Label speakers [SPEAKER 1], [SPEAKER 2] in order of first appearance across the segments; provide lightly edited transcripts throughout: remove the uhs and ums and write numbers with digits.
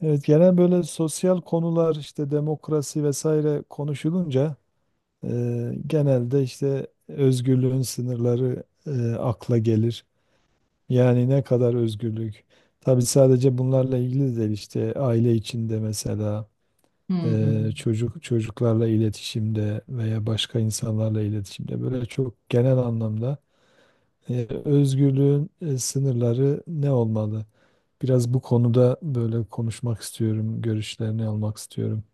[SPEAKER 1] Evet, genel böyle sosyal konular işte demokrasi vesaire konuşulunca e, genelde işte özgürlüğün sınırları akla gelir. Yani ne kadar özgürlük? Tabii sadece bunlarla ilgili de değil işte aile içinde mesela
[SPEAKER 2] Hı hı.
[SPEAKER 1] çocuklarla iletişimde veya başka insanlarla iletişimde böyle çok genel anlamda özgürlüğün sınırları ne olmalı? Biraz bu konuda böyle konuşmak istiyorum, görüşlerini almak istiyorum.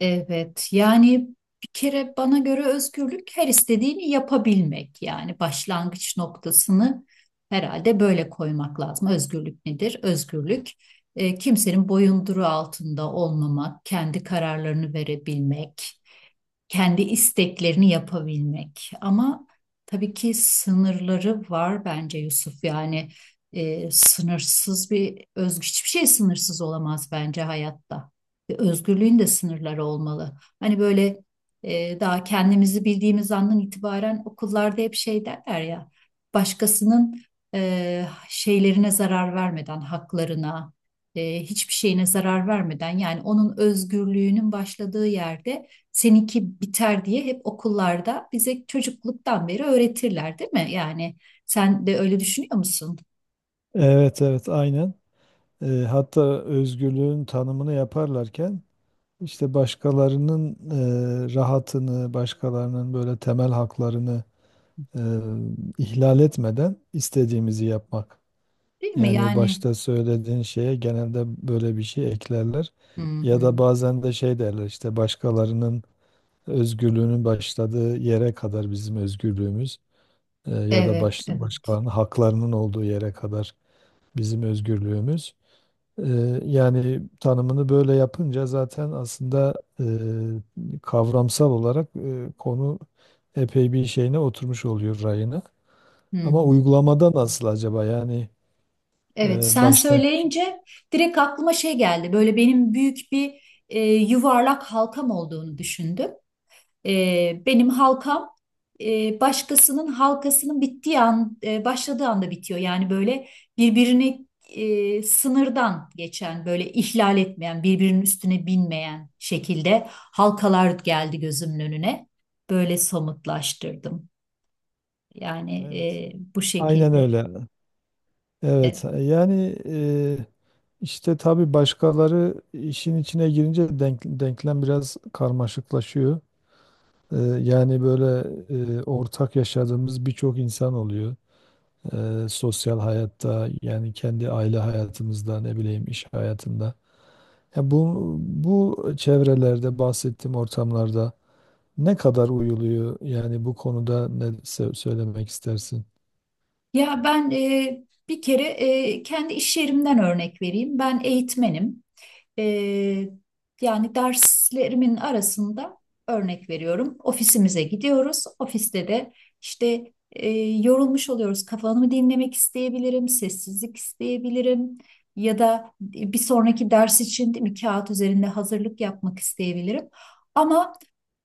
[SPEAKER 2] Evet, yani bir kere bana göre özgürlük her istediğini yapabilmek. Yani başlangıç noktasını herhalde böyle koymak lazım. Özgürlük nedir? Özgürlük kimsenin boyunduruğu altında olmamak, kendi kararlarını verebilmek, kendi isteklerini yapabilmek. Ama tabii ki sınırları var bence Yusuf. Yani sınırsız bir özgürlük, hiçbir şey sınırsız olamaz bence hayatta. Ve özgürlüğün de sınırları olmalı. Hani böyle daha kendimizi bildiğimiz andan itibaren okullarda hep şey derler ya, başkasının şeylerine zarar vermeden, haklarına, hiçbir şeyine zarar vermeden yani onun özgürlüğünün başladığı yerde seninki biter diye hep okullarda bize çocukluktan beri öğretirler, değil mi? Yani sen de öyle düşünüyor musun?
[SPEAKER 1] Evet, evet, aynen. Hatta özgürlüğün tanımını yaparlarken işte başkalarının rahatını, başkalarının böyle temel haklarını e, ihlal etmeden istediğimizi yapmak.
[SPEAKER 2] Değil mi?
[SPEAKER 1] Yani o
[SPEAKER 2] Yani.
[SPEAKER 1] başta söylediğin şeye genelde böyle bir şey eklerler.
[SPEAKER 2] Hı
[SPEAKER 1] Ya da
[SPEAKER 2] hı.
[SPEAKER 1] bazen de şey derler işte başkalarının özgürlüğünün başladığı yere kadar bizim özgürlüğümüz, ya da
[SPEAKER 2] Evet, evet.
[SPEAKER 1] başkalarının haklarının olduğu yere kadar bizim özgürlüğümüz. Yani tanımını böyle yapınca zaten aslında eee, kavramsal olarak konu epey bir şeyine oturmuş oluyor rayına.
[SPEAKER 2] Hı
[SPEAKER 1] Ama
[SPEAKER 2] hı.
[SPEAKER 1] uygulamada nasıl acaba? Yani
[SPEAKER 2] Evet, sen
[SPEAKER 1] başta.
[SPEAKER 2] söyleyince direkt aklıma şey geldi. Böyle benim büyük bir yuvarlak halkam olduğunu düşündüm. Benim halkam başkasının halkasının bittiği an, başladığı anda bitiyor. Yani böyle birbirini sınırdan geçen, böyle ihlal etmeyen, birbirinin üstüne binmeyen şekilde halkalar geldi gözümün önüne. Böyle somutlaştırdım. Yani
[SPEAKER 1] Evet,
[SPEAKER 2] bu
[SPEAKER 1] aynen
[SPEAKER 2] şekilde.
[SPEAKER 1] öyle. Evet.
[SPEAKER 2] E,
[SPEAKER 1] Yani işte tabii başkaları işin içine girince denklem biraz karmaşıklaşıyor. Yani böyle ortak yaşadığımız birçok insan oluyor. Sosyal hayatta yani kendi aile hayatımızda ne bileyim iş hayatında. Ya bu çevrelerde bahsettiğim ortamlarda ne kadar uyuluyor yani bu konuda ne söylemek istersin?
[SPEAKER 2] Ya ben bir kere kendi iş yerimden örnek vereyim. Ben eğitmenim. Ee, Yani derslerimin arasında örnek veriyorum. Ofisimize gidiyoruz. Ofiste de işte yorulmuş oluyoruz. Kafamı dinlemek isteyebilirim, sessizlik isteyebilirim. Ya da bir sonraki ders için değil mi, kağıt üzerinde hazırlık yapmak isteyebilirim. Ama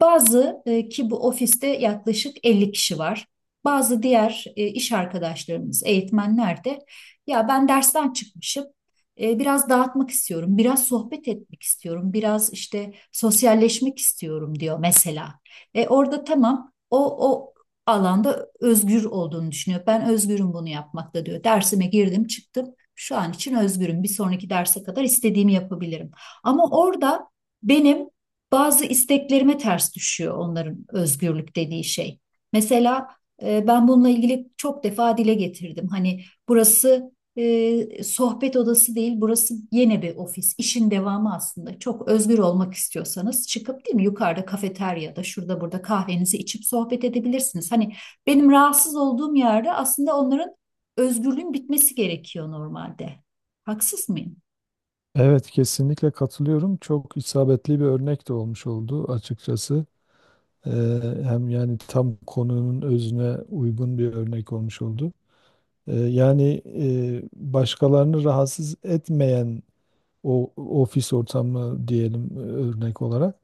[SPEAKER 2] bazı ki bu ofiste yaklaşık 50 kişi var. Bazı diğer iş arkadaşlarımız, eğitmenler de ya ben dersten çıkmışım biraz dağıtmak istiyorum, biraz sohbet etmek istiyorum, biraz işte sosyalleşmek istiyorum diyor mesela. Orada tamam o alanda özgür olduğunu düşünüyor. Ben özgürüm bunu yapmakta diyor. Dersime girdim, çıktım. Şu an için özgürüm. Bir sonraki derse kadar istediğimi yapabilirim. Ama orada benim bazı isteklerime ters düşüyor onların özgürlük dediği şey. Mesela ben bununla ilgili çok defa dile getirdim. Hani burası sohbet odası değil, burası yine bir ofis. İşin devamı aslında. Çok özgür olmak istiyorsanız çıkıp değil mi yukarıda kafeteryada şurada burada kahvenizi içip sohbet edebilirsiniz. Hani benim rahatsız olduğum yerde aslında onların özgürlüğün bitmesi gerekiyor normalde. Haksız mıyım?
[SPEAKER 1] Evet, kesinlikle katılıyorum. Çok isabetli bir örnek de olmuş oldu açıkçası. Hem yani tam konunun özüne uygun bir örnek olmuş oldu. Yani başkalarını rahatsız etmeyen o ofis ortamı diyelim örnek olarak.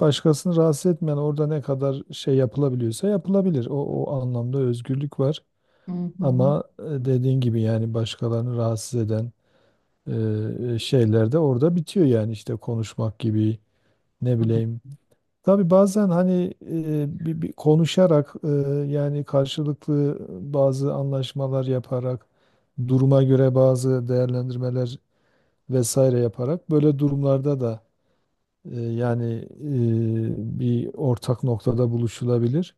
[SPEAKER 1] Başkasını rahatsız etmeyen orada ne kadar şey yapılabiliyorsa yapılabilir. O, o anlamda özgürlük var.
[SPEAKER 2] Hı hı.
[SPEAKER 1] Ama dediğin gibi yani başkalarını rahatsız eden şeyler de orada bitiyor yani işte konuşmak gibi ne
[SPEAKER 2] Hı.
[SPEAKER 1] bileyim. Tabii bazen hani bir konuşarak, yani karşılıklı bazı anlaşmalar yaparak duruma göre bazı değerlendirmeler vesaire yaparak böyle durumlarda da yani bir ortak noktada buluşulabilir.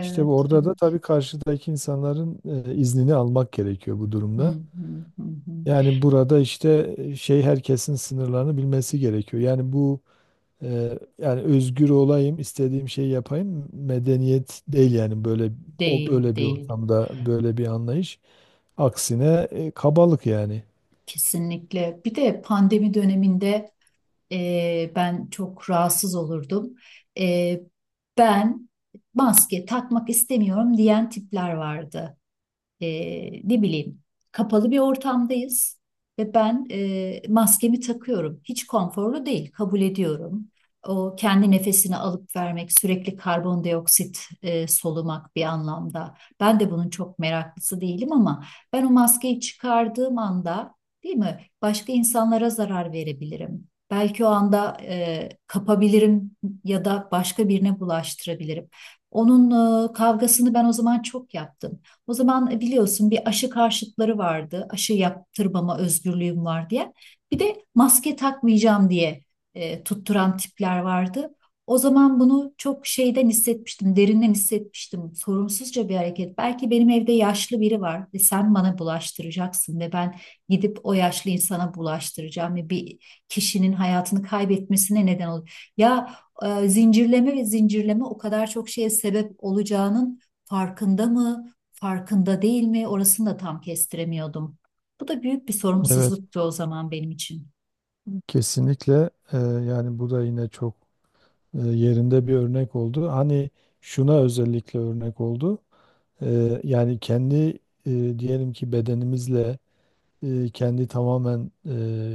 [SPEAKER 1] İşte orada da
[SPEAKER 2] evet.
[SPEAKER 1] tabii karşıdaki insanların iznini almak gerekiyor bu
[SPEAKER 2] Hı
[SPEAKER 1] durumda.
[SPEAKER 2] hı hı hı.
[SPEAKER 1] Yani burada işte şey, herkesin sınırlarını bilmesi gerekiyor. Yani bu yani özgür olayım, istediğim şeyi yapayım medeniyet değil yani böyle, o
[SPEAKER 2] Değil,
[SPEAKER 1] öyle bir
[SPEAKER 2] değil.
[SPEAKER 1] ortamda böyle bir anlayış. Aksine kabalık yani.
[SPEAKER 2] Kesinlikle. Bir de pandemi döneminde, ben çok rahatsız olurdum. Ee, Ben maske takmak istemiyorum diyen tipler vardı, e, ne bileyim, kapalı bir ortamdayız ve ben maskemi takıyorum. Hiç konforlu değil, kabul ediyorum. O kendi nefesini alıp vermek, sürekli karbondioksit solumak bir anlamda. Ben de bunun çok meraklısı değilim ama ben o maskeyi çıkardığım anda, değil mi, başka insanlara zarar verebilirim. Belki o anda kapabilirim ya da başka birine bulaştırabilirim. Onun kavgasını ben o zaman çok yaptım. O zaman biliyorsun bir, aşı karşıtları vardı. Aşı yaptırmama özgürlüğüm var diye. Bir de maske takmayacağım diye tutturan tipler vardı. O zaman bunu çok şeyden hissetmiştim, derinden hissetmiştim. Sorumsuzca bir hareket. Belki benim evde yaşlı biri var ve sen bana bulaştıracaksın ve ben gidip o yaşlı insana bulaştıracağım ve bir kişinin hayatını kaybetmesine neden olur. Ya zincirleme ve zincirleme o kadar çok şeye sebep olacağının farkında mı? Farkında değil mi? Orasını da tam kestiremiyordum. Bu da büyük bir
[SPEAKER 1] Evet.
[SPEAKER 2] sorumsuzluktu o zaman benim için.
[SPEAKER 1] Kesinlikle, yani bu da yine çok yerinde bir örnek oldu. Hani şuna özellikle örnek oldu. Yani kendi diyelim ki bedenimizle, kendi tamamen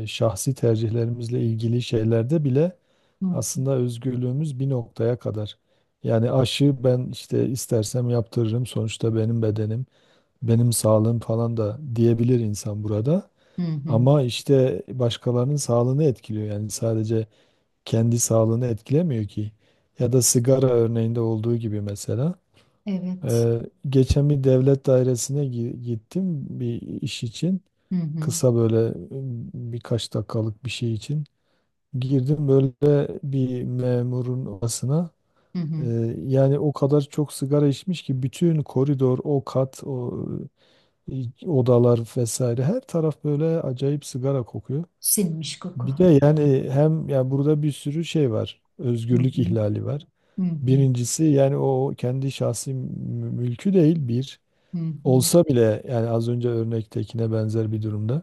[SPEAKER 1] şahsi tercihlerimizle ilgili şeylerde bile
[SPEAKER 2] Hı hı.
[SPEAKER 1] aslında özgürlüğümüz bir noktaya kadar. Yani aşı ben işte istersem yaptırırım sonuçta benim bedenim, benim sağlığım falan da diyebilir insan burada.
[SPEAKER 2] Hı hı.
[SPEAKER 1] Ama işte başkalarının sağlığını etkiliyor yani sadece kendi sağlığını etkilemiyor ki. Ya da sigara örneğinde olduğu gibi mesela.
[SPEAKER 2] Evet.
[SPEAKER 1] Ee, Geçen bir devlet dairesine gittim bir iş için.
[SPEAKER 2] Hı hı.
[SPEAKER 1] Kısa böyle birkaç dakikalık bir şey için. Girdim böyle bir memurun odasına.
[SPEAKER 2] Hı hı.
[SPEAKER 1] Yani o kadar çok sigara içmiş ki bütün koridor, o kat, o odalar vesaire her taraf böyle acayip sigara kokuyor.
[SPEAKER 2] Sinmiş koku.
[SPEAKER 1] Bir de yani hem ya burada bir sürü şey var.
[SPEAKER 2] Hı
[SPEAKER 1] Özgürlük
[SPEAKER 2] hı.
[SPEAKER 1] ihlali var.
[SPEAKER 2] Hı hı.
[SPEAKER 1] Birincisi yani o kendi şahsi mülkü değil bir.
[SPEAKER 2] Hı hı.
[SPEAKER 1] Olsa bile yani az önce örnektekine benzer bir durumda.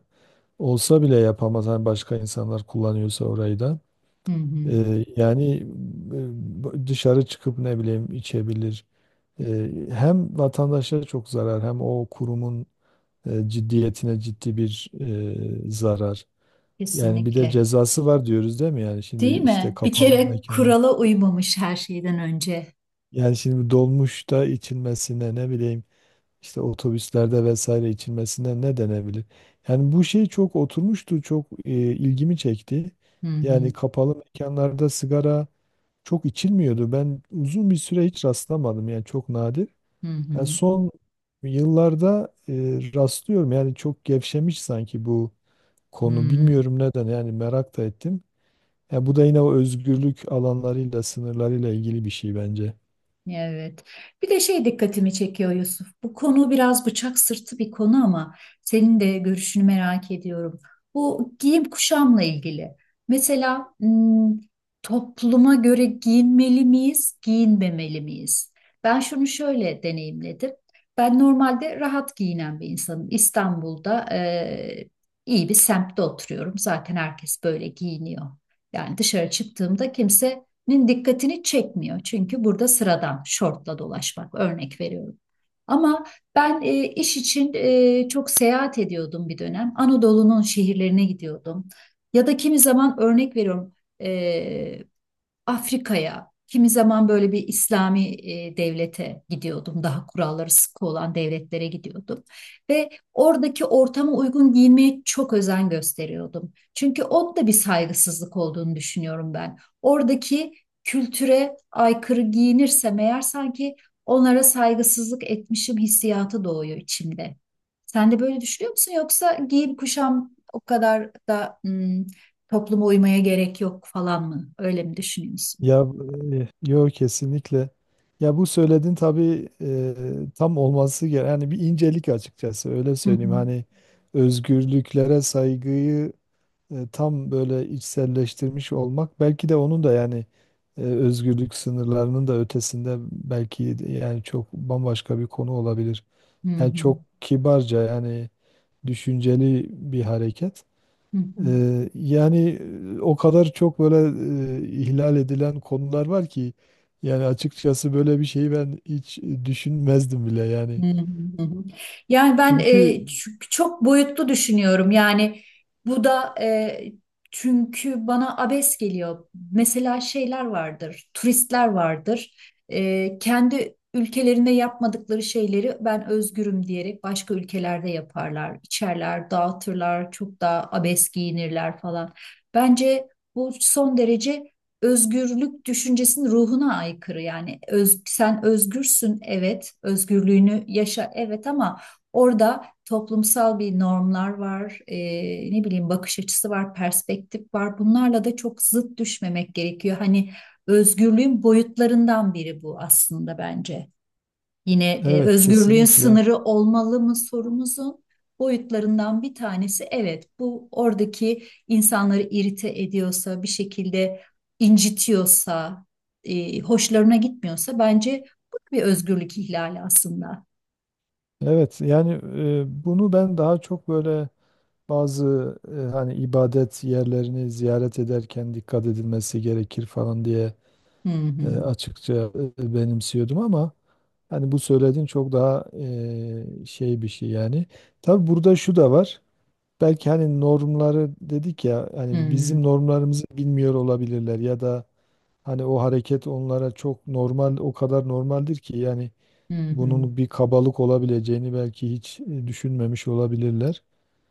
[SPEAKER 1] Olsa bile yapamaz. Hani başka insanlar kullanıyorsa orayı da.
[SPEAKER 2] Hı hı.
[SPEAKER 1] Yani dışarı çıkıp ne bileyim içebilir. Hem vatandaşa çok zarar hem o kurumun ciddiyetine ciddi bir zarar. Yani bir de
[SPEAKER 2] Kesinlikle.
[SPEAKER 1] cezası var diyoruz değil mi? Yani şimdi
[SPEAKER 2] Değil
[SPEAKER 1] işte
[SPEAKER 2] mi? Bir
[SPEAKER 1] kapalı
[SPEAKER 2] kere
[SPEAKER 1] mekanı.
[SPEAKER 2] kurala uymamış her şeyden önce.
[SPEAKER 1] Yani şimdi dolmuşta içilmesine ne bileyim işte otobüslerde vesaire içilmesine ne denebilir? Yani bu şey çok oturmuştu, çok ilgimi çekti.
[SPEAKER 2] Hı
[SPEAKER 1] Yani
[SPEAKER 2] hı.
[SPEAKER 1] kapalı mekanlarda sigara çok içilmiyordu. Ben uzun bir süre hiç rastlamadım yani çok nadir.
[SPEAKER 2] Hı
[SPEAKER 1] Yani
[SPEAKER 2] hı.
[SPEAKER 1] son yıllarda rastlıyorum yani çok gevşemiş sanki bu konu.
[SPEAKER 2] Hı.
[SPEAKER 1] Bilmiyorum neden yani merak da ettim. Ya bu da yine o özgürlük alanlarıyla, sınırlarıyla ilgili bir şey bence.
[SPEAKER 2] Evet. Bir de şey dikkatimi çekiyor Yusuf. Bu konu biraz bıçak sırtı bir konu ama senin de görüşünü merak ediyorum. Bu giyim kuşamla ilgili. Mesela topluma göre giyinmeli miyiz, giyinmemeli miyiz? Ben şunu şöyle deneyimledim. Ben normalde rahat giyinen bir insanım. İstanbul'da iyi bir semtte oturuyorum. Zaten herkes böyle giyiniyor. Yani dışarı çıktığımda kimse nin dikkatini çekmiyor. Çünkü burada sıradan şortla dolaşmak örnek veriyorum. Ama ben iş için çok seyahat ediyordum bir dönem. Anadolu'nun şehirlerine gidiyordum. Ya da kimi zaman örnek veriyorum, e, Afrika'ya, kimi zaman böyle bir İslami devlete gidiyordum. Daha kuralları sıkı olan devletlere gidiyordum. Ve oradaki ortama uygun giyinmeye çok özen gösteriyordum. Çünkü o da bir saygısızlık olduğunu düşünüyorum ben. Oradaki kültüre aykırı giyinirsem eğer sanki onlara saygısızlık etmişim hissiyatı doğuyor içimde. Sen de böyle düşünüyor musun? Yoksa giyim kuşam o kadar da topluma uymaya gerek yok falan mı? Öyle mi düşünüyorsun?
[SPEAKER 1] Ya yok, kesinlikle. Ya bu söylediğin tabii tam olması gereken yani bir incelik, açıkçası öyle
[SPEAKER 2] Hı hı.
[SPEAKER 1] söyleyeyim. Hani özgürlüklere saygıyı tam böyle içselleştirmiş olmak belki de onun da yani özgürlük sınırlarının da ötesinde belki de yani çok bambaşka bir konu olabilir.
[SPEAKER 2] Hı
[SPEAKER 1] Yani
[SPEAKER 2] hı.
[SPEAKER 1] çok kibarca yani düşünceli bir hareket.
[SPEAKER 2] Hı hı.
[SPEAKER 1] Yani o kadar çok böyle ihlal edilen konular var ki yani açıkçası böyle bir şeyi ben hiç düşünmezdim bile yani.
[SPEAKER 2] Hı hı. Hı hı. Yani ben,
[SPEAKER 1] Çünkü
[SPEAKER 2] çok boyutlu düşünüyorum. Yani bu da çünkü bana abes geliyor. Mesela şeyler vardır, turistler vardır. Kendi ülkelerinde yapmadıkları şeyleri ben özgürüm diyerek başka ülkelerde yaparlar, içerler, dağıtırlar, çok daha abes giyinirler falan. Bence bu son derece özgürlük düşüncesinin ruhuna aykırı. Yani öz, sen özgürsün evet, özgürlüğünü yaşa evet ama orada toplumsal bir normlar var, ne bileyim bakış açısı var, perspektif var. Bunlarla da çok zıt düşmemek gerekiyor. Hani özgürlüğün boyutlarından biri bu aslında bence. Yine
[SPEAKER 1] evet,
[SPEAKER 2] özgürlüğün
[SPEAKER 1] kesinlikle.
[SPEAKER 2] sınırı olmalı mı sorumuzun boyutlarından bir tanesi evet bu, oradaki insanları irite ediyorsa bir şekilde, incitiyorsa, hoşlarına gitmiyorsa bence bu da bir özgürlük ihlali aslında.
[SPEAKER 1] Evet yani bunu ben daha çok böyle bazı hani ibadet yerlerini ziyaret ederken dikkat edilmesi gerekir falan diye
[SPEAKER 2] Hı hı.
[SPEAKER 1] açıkça benimsiyordum, ama hani bu söylediğin çok daha şey bir şey yani. Tabii burada şu da var. Belki hani normları dedik ya,
[SPEAKER 2] Hı
[SPEAKER 1] hani
[SPEAKER 2] hı.
[SPEAKER 1] bizim normlarımızı bilmiyor olabilirler ya da hani o hareket onlara çok normal, o kadar normaldir ki yani
[SPEAKER 2] Hı hı.
[SPEAKER 1] bunun bir kabalık olabileceğini belki hiç düşünmemiş olabilirler.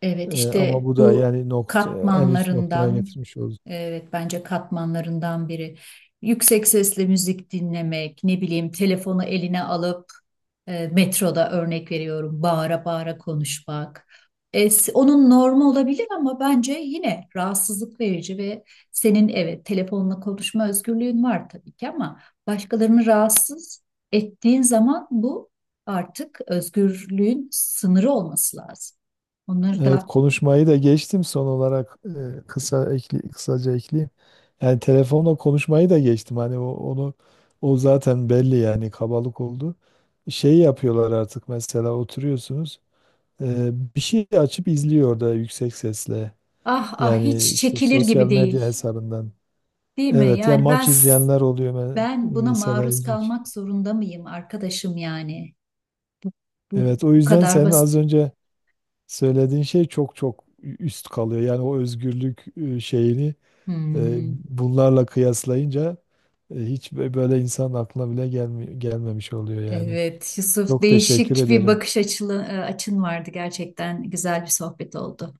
[SPEAKER 2] Evet
[SPEAKER 1] Ama
[SPEAKER 2] işte
[SPEAKER 1] bu da
[SPEAKER 2] bu
[SPEAKER 1] yani nokta en üst noktaya
[SPEAKER 2] katmanlarından,
[SPEAKER 1] getirmiş oldu.
[SPEAKER 2] evet bence katmanlarından biri. Yüksek sesle müzik dinlemek, ne bileyim telefonu eline alıp metroda örnek veriyorum bağıra bağıra konuşmak. Onun normu olabilir ama bence yine rahatsızlık verici ve senin evet telefonla konuşma özgürlüğün var tabii ki ama başkalarını rahatsız ettiğin zaman bu artık özgürlüğün sınırı olması lazım. Onları
[SPEAKER 1] Evet,
[SPEAKER 2] da.
[SPEAKER 1] konuşmayı da geçtim son olarak kısaca ekleyeyim. Yani telefonla konuşmayı da geçtim. Hani onu, o zaten belli yani kabalık oldu. Şey yapıyorlar artık, mesela oturuyorsunuz, bir şey açıp izliyor orada yüksek sesle.
[SPEAKER 2] Ah, ah,
[SPEAKER 1] Yani
[SPEAKER 2] hiç
[SPEAKER 1] işte
[SPEAKER 2] çekilir
[SPEAKER 1] sosyal
[SPEAKER 2] gibi
[SPEAKER 1] medya
[SPEAKER 2] değil,
[SPEAKER 1] hesabından.
[SPEAKER 2] değil mi?
[SPEAKER 1] Evet ya,
[SPEAKER 2] Yani ben
[SPEAKER 1] maç izleyenler oluyor
[SPEAKER 2] ben buna
[SPEAKER 1] mesela,
[SPEAKER 2] maruz
[SPEAKER 1] ilginç.
[SPEAKER 2] kalmak zorunda mıyım arkadaşım yani? Bu
[SPEAKER 1] Evet, o
[SPEAKER 2] bu
[SPEAKER 1] yüzden
[SPEAKER 2] kadar
[SPEAKER 1] senin az
[SPEAKER 2] basit.
[SPEAKER 1] önce söylediğin şey çok çok üst kalıyor. Yani o özgürlük şeyini,
[SPEAKER 2] Hı hı.
[SPEAKER 1] Bunlarla kıyaslayınca hiç böyle insan aklına bile gelmemiş oluyor yani.
[SPEAKER 2] Evet, Yusuf,
[SPEAKER 1] Çok teşekkür
[SPEAKER 2] değişik bir
[SPEAKER 1] ederim.
[SPEAKER 2] bakış açılı, açın vardı gerçekten. Güzel bir sohbet oldu.